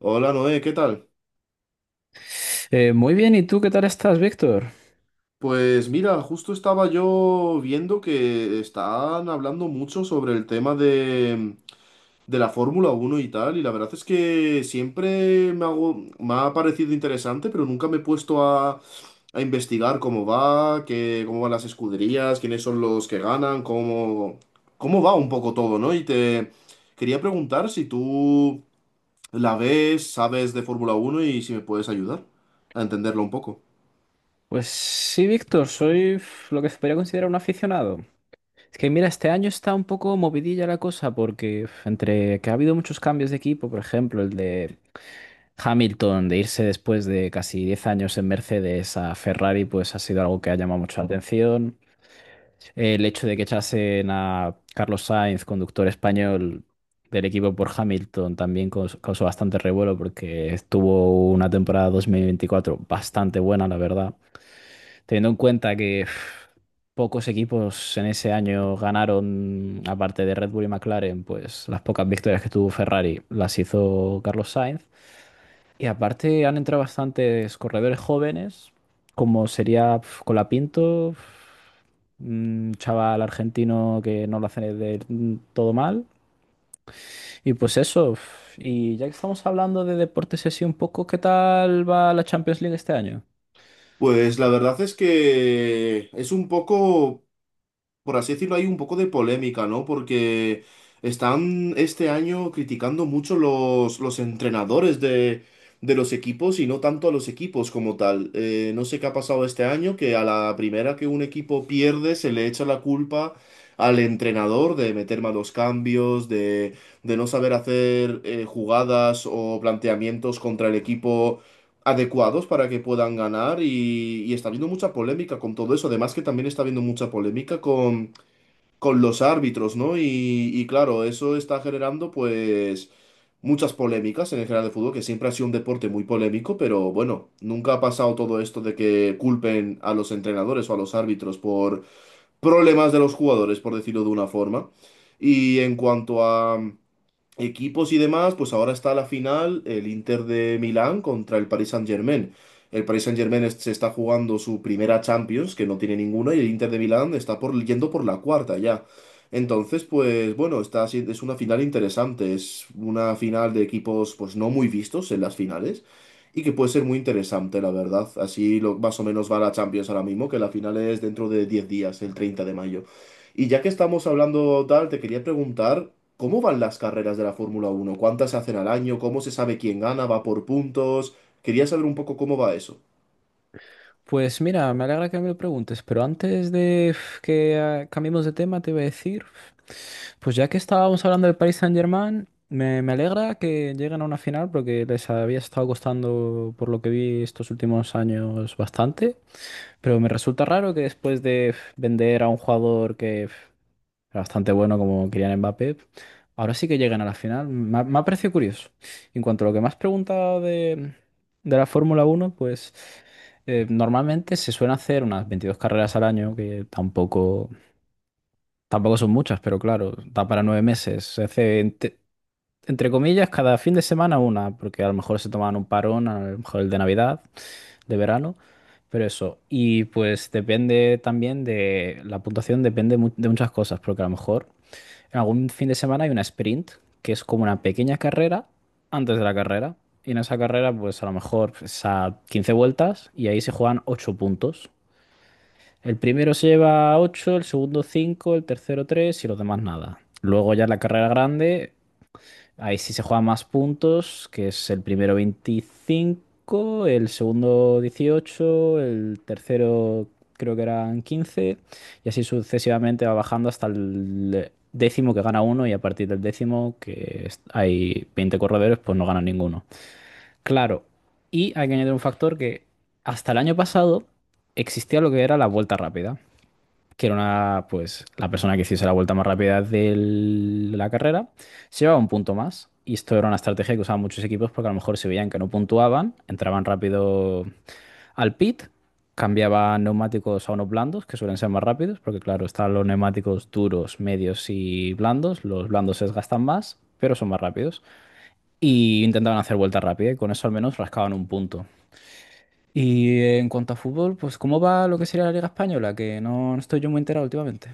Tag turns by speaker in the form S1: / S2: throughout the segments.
S1: Hola Noé, ¿qué tal?
S2: Muy bien, ¿y tú qué tal estás, Víctor?
S1: Pues mira, justo estaba yo viendo que están hablando mucho sobre el tema de la Fórmula Uno y tal, y la verdad es que siempre me ha parecido interesante, pero nunca me he puesto a investigar cómo va, cómo van las escuderías, quiénes son los que ganan, cómo va un poco todo, ¿no? Y te quería preguntar si tú la ves, sabes de Fórmula Uno y si me puedes ayudar a entenderlo un poco.
S2: Pues sí, Víctor, soy lo que se podría considerar un aficionado. Es que mira, este año está un poco movidilla la cosa porque entre que ha habido muchos cambios de equipo, por ejemplo, el de Hamilton de irse después de casi 10 años en Mercedes a Ferrari, pues ha sido algo que ha llamado mucho la atención. El hecho de que echasen a Carlos Sainz, conductor español del equipo por Hamilton, también causó bastante revuelo porque estuvo una temporada 2024 bastante buena, la verdad. Teniendo en cuenta que pocos equipos en ese año ganaron, aparte de Red Bull y McLaren, pues las pocas victorias que tuvo Ferrari las hizo Carlos Sainz. Y aparte han entrado bastantes corredores jóvenes, como sería Colapinto, un chaval argentino que no lo hace del todo mal. Y pues eso, y ya que estamos hablando de deportes así un poco, ¿qué tal va la Champions League este año?
S1: Pues la verdad es que es un poco, por así decirlo, hay un poco de polémica, ¿no? Porque están este año criticando mucho los entrenadores de los equipos y no tanto a los equipos como tal. No sé qué ha pasado este año, que a la primera que un equipo pierde se le echa la culpa al entrenador de meter malos cambios, de no saber hacer jugadas o planteamientos contra el equipo adecuados para que puedan ganar y está habiendo mucha polémica con todo eso. Además que también está habiendo mucha polémica con los árbitros, ¿no? Y claro, eso está generando pues muchas polémicas en el general de fútbol, que siempre ha sido un deporte muy polémico, pero bueno, nunca ha pasado todo esto de que culpen a los entrenadores o a los árbitros por problemas de los jugadores, por decirlo de una forma. Y en cuanto a equipos y demás, pues ahora está la final, el Inter de Milán contra el Paris Saint-Germain. El Paris Saint-Germain se está jugando su primera Champions, que no tiene ninguna, y el Inter de Milán está yendo por la cuarta ya. Entonces, pues bueno, está, si- es una final interesante, es una final de equipos pues no muy vistos en las finales y que puede ser muy interesante, la verdad. Así más o menos va la Champions ahora mismo, que la final es dentro de 10 días, el 30 de mayo. Y ya que estamos hablando tal, te quería preguntar, ¿cómo van las carreras de la Fórmula Uno? ¿Cuántas se hacen al año? ¿Cómo se sabe quién gana? ¿Va por puntos? Quería saber un poco cómo va eso.
S2: Pues mira, me alegra que me lo preguntes, pero antes de cambiemos de tema, te iba a decir, pues ya que estábamos hablando del Paris Saint-Germain, me alegra que lleguen a una final porque les había estado costando, por lo que vi estos últimos años, bastante, pero me resulta raro que después de vender a un jugador que era bastante bueno como Kylian Mbappé. Ahora sí que llegan a la final. Me ha parecido curioso. En cuanto a lo que me has preguntado de la Fórmula Uno, pues normalmente se suelen hacer unas 22 carreras al año, que tampoco, tampoco son muchas, pero claro, da para nueve meses. Se hace, ente- entre, comillas, cada fin de semana una, porque a lo mejor se toman un parón, a lo mejor el de Navidad, de verano. Pero eso, y pues depende también la puntuación depende de muchas cosas, porque a lo mejor algún fin de semana hay una sprint, que es como una pequeña carrera antes de la carrera. Y en esa carrera, pues a lo mejor es a 15 vueltas y ahí se juegan 8 puntos. El primero se lleva ocho, el segundo cinco, el tercero 3 y los demás nada. Luego ya en la carrera grande ahí sí se juegan más puntos, que es el primero 25, el segundo 18, el tercero creo que eran quince, y así sucesivamente va bajando hasta el décimo que gana uno, y a partir del décimo, hay 20 corredores, pues no gana ninguno. Claro, y hay que añadir un factor que hasta el año pasado existía lo que era la vuelta rápida, que era una, pues, la persona que hiciese la vuelta más rápida de la carrera, se llevaba un punto más. Y esto era una estrategia que usaban muchos equipos porque a lo mejor se veían que no puntuaban, entraban rápido al pit, cambiaban neumáticos a unos blandos, que suelen ser más rápidos, porque claro, están los neumáticos duros, medios y blandos. Los blandos se desgastan más, pero son más rápidos. Y intentaban hacer vuelta rápida y con eso al menos rascaban un punto. Y en cuanto a fútbol, pues ¿cómo va lo que sería la Liga Española? Que no, no estoy yo muy enterado últimamente.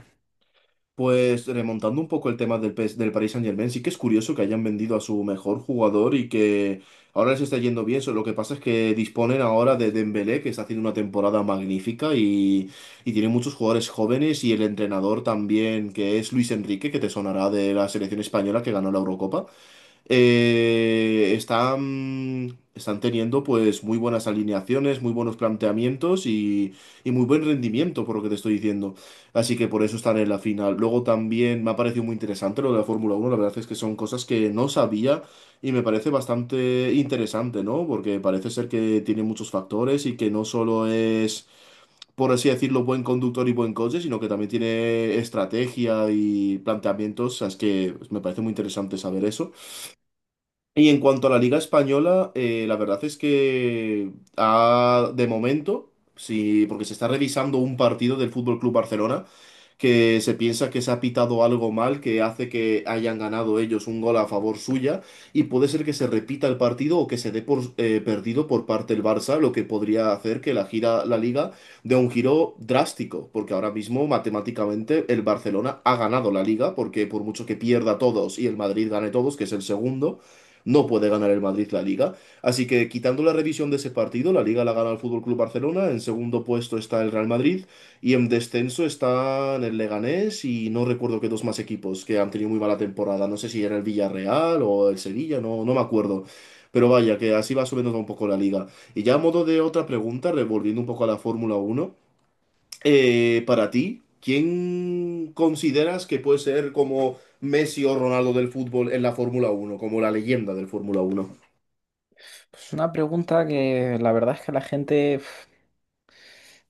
S1: Pues remontando un poco el tema PS del Paris Saint-Germain, sí que es curioso que hayan vendido a su mejor jugador y que ahora les está yendo bien. Lo que pasa es que disponen ahora de Dembélé, que está haciendo una temporada magnífica y tiene muchos jugadores jóvenes y el entrenador también, que es Luis Enrique, que te sonará de la selección española que ganó la Eurocopa. Están teniendo pues muy buenas alineaciones, muy buenos planteamientos y muy buen rendimiento, por lo que te estoy diciendo. Así que por eso están en la final. Luego también me ha parecido muy interesante lo de la Fórmula Uno. La verdad es que son cosas que no sabía y me parece bastante interesante, ¿no? Porque parece ser que tiene muchos factores y que no solo es, por así decirlo, buen conductor y buen coche, sino que también tiene estrategia y planteamientos. O sea, es que me parece muy interesante saber eso. Y en cuanto a la Liga Española, la verdad es que de momento, sí, porque se está revisando un partido del Fútbol Club Barcelona, que se piensa que se ha pitado algo mal, que hace que hayan ganado ellos un gol a favor suya, y puede ser que se repita el partido o que se dé por perdido por parte del Barça, lo que podría hacer que la Liga dé un giro drástico, porque ahora mismo matemáticamente el Barcelona ha ganado la Liga, porque por mucho que pierda todos y el Madrid gane todos, que es el segundo, no puede ganar el Madrid la Liga. Así que quitando la revisión de ese partido, la Liga la gana el Fútbol Club Barcelona, en segundo puesto está el Real Madrid y en descenso están el Leganés y no recuerdo qué dos más equipos que han tenido muy mala temporada. No sé si era el Villarreal o el Sevilla, no, no me acuerdo. Pero vaya, que así va subiendo un poco la liga. Y ya a modo de otra pregunta, revolviendo un poco a la Fórmula Uno, para ti, ¿quién consideras que puede ser como Messi o Ronaldo del fútbol en la Fórmula Uno, como la leyenda del Fórmula Uno?
S2: Es una pregunta que la verdad es que a la gente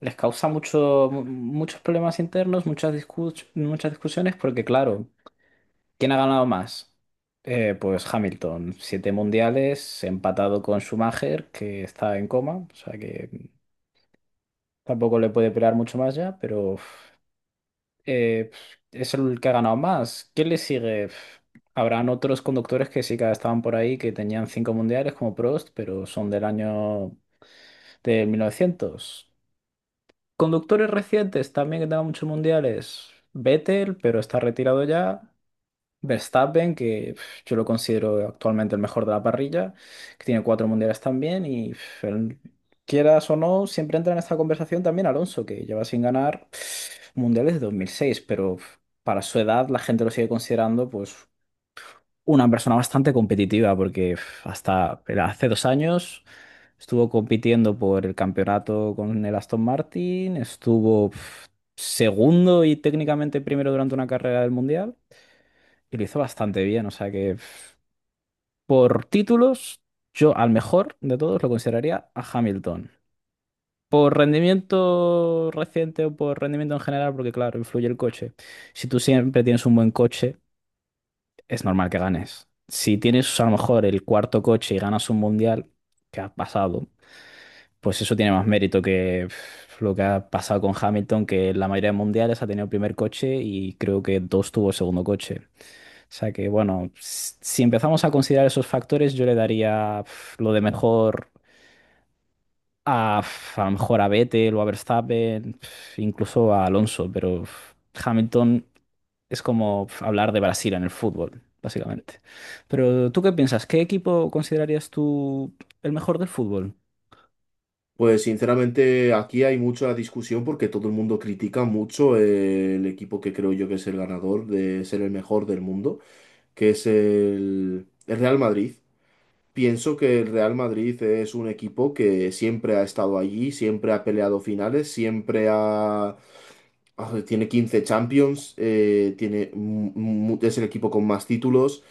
S2: les causa muchos problemas internos, muchas discusiones, porque claro, ¿quién ha ganado más? Pues Hamilton, siete mundiales, empatado con Schumacher, que está en coma, o sea que tampoco le puede pelear mucho más ya, pero es el que ha ganado más. ¿Quién le sigue? Habrán otros conductores que sí que estaban por ahí, que tenían cinco mundiales como Prost, pero son del año del mil novecientos. Conductores recientes también que tengan muchos mundiales. Vettel, pero está retirado ya. Verstappen, que yo lo considero actualmente el mejor de la parrilla, que tiene cuatro mundiales también. Y quieras o no, siempre entra en esta conversación también Alonso, que lleva sin ganar mundiales de 2006, pero para su edad la gente lo sigue considerando pues una persona bastante competitiva, porque hasta hace dos años estuvo compitiendo por el campeonato con el Aston Martin, estuvo segundo y técnicamente primero durante una carrera del Mundial y lo hizo bastante bien. O sea que por títulos, yo al mejor de todos lo consideraría a Hamilton. Por rendimiento reciente o por rendimiento en general, porque claro, influye el coche. Si tú siempre tienes un buen coche, es normal que ganes. Si tienes a lo mejor el cuarto coche y ganas un mundial, ¿que ha pasado? Pues eso tiene más mérito que lo que ha pasado con Hamilton, que en la mayoría de mundiales ha tenido el primer coche y creo que dos tuvo el segundo coche. O sea que, bueno, si empezamos a considerar esos factores, yo le daría lo de mejor a, a lo mejor a Vettel o a Verstappen, incluso a Alonso, pero Hamilton es como hablar de Brasil en el fútbol, básicamente. Pero ¿tú qué piensas? ¿Qué equipo considerarías tú el mejor del fútbol?
S1: Pues sinceramente aquí hay mucha discusión porque todo el mundo critica mucho, el equipo que creo yo que es el ganador de ser el mejor del mundo, que es el Real Madrid. Pienso que el Real Madrid es un equipo que siempre ha estado allí, siempre ha peleado finales, tiene 15 Champions, es el equipo con más títulos.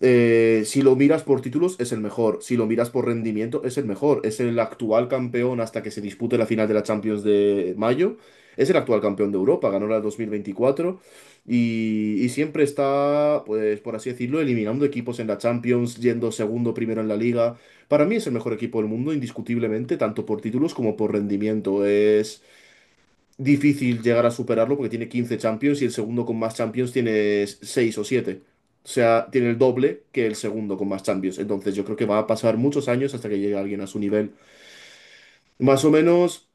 S1: Si lo miras por títulos, es el mejor. Si lo miras por rendimiento, es el mejor. Es el actual campeón hasta que se dispute la final de la Champions de mayo. Es el actual campeón de Europa, ganó la 2024 y siempre está, pues por así decirlo, eliminando equipos en la Champions, yendo segundo, primero en la Liga. Para mí es el mejor equipo del mundo, indiscutiblemente, tanto por títulos como por rendimiento. Es difícil llegar a superarlo porque tiene 15 Champions y el segundo con más Champions tiene 6 o siete. O sea, tiene el doble que el segundo con más Champions. Entonces yo creo que va a pasar muchos años hasta que llegue alguien a su nivel. Más o menos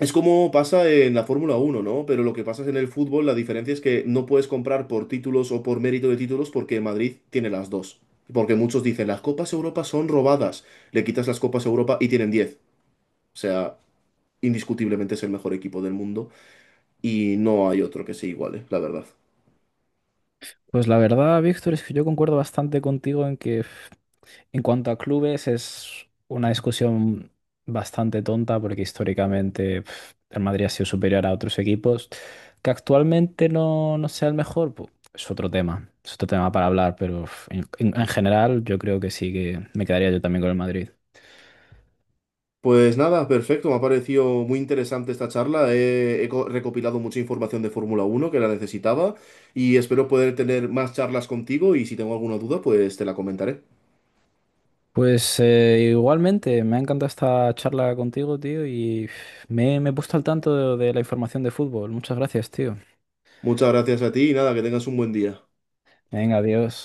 S1: es como pasa en la Fórmula Uno, ¿no? Pero lo que pasa es en el fútbol, la diferencia es que no puedes comprar por títulos o por mérito de títulos porque Madrid tiene las dos. Porque muchos dicen, las Copas Europa son robadas. Le quitas las Copas Europa y tienen 10. O sea, indiscutiblemente es el mejor equipo del mundo y no hay otro que se iguale, la verdad.
S2: Pues la verdad, Víctor, es que yo concuerdo bastante contigo en que en cuanto a clubes es una discusión bastante tonta porque históricamente el Madrid ha sido superior a otros equipos, que actualmente no, no sea el mejor, pues, es otro tema para hablar, pero en general yo creo que sí que me quedaría yo también con el Madrid.
S1: Pues nada, perfecto, me ha parecido muy interesante esta charla. He recopilado mucha información de Fórmula Uno que la necesitaba y espero poder tener más charlas contigo y si tengo alguna duda, pues te la comentaré.
S2: Pues igualmente, me ha encantado esta charla contigo, tío, y me he puesto al tanto de la información de fútbol. Muchas gracias, tío.
S1: Muchas gracias a ti y nada, que tengas un buen día.
S2: Venga, adiós.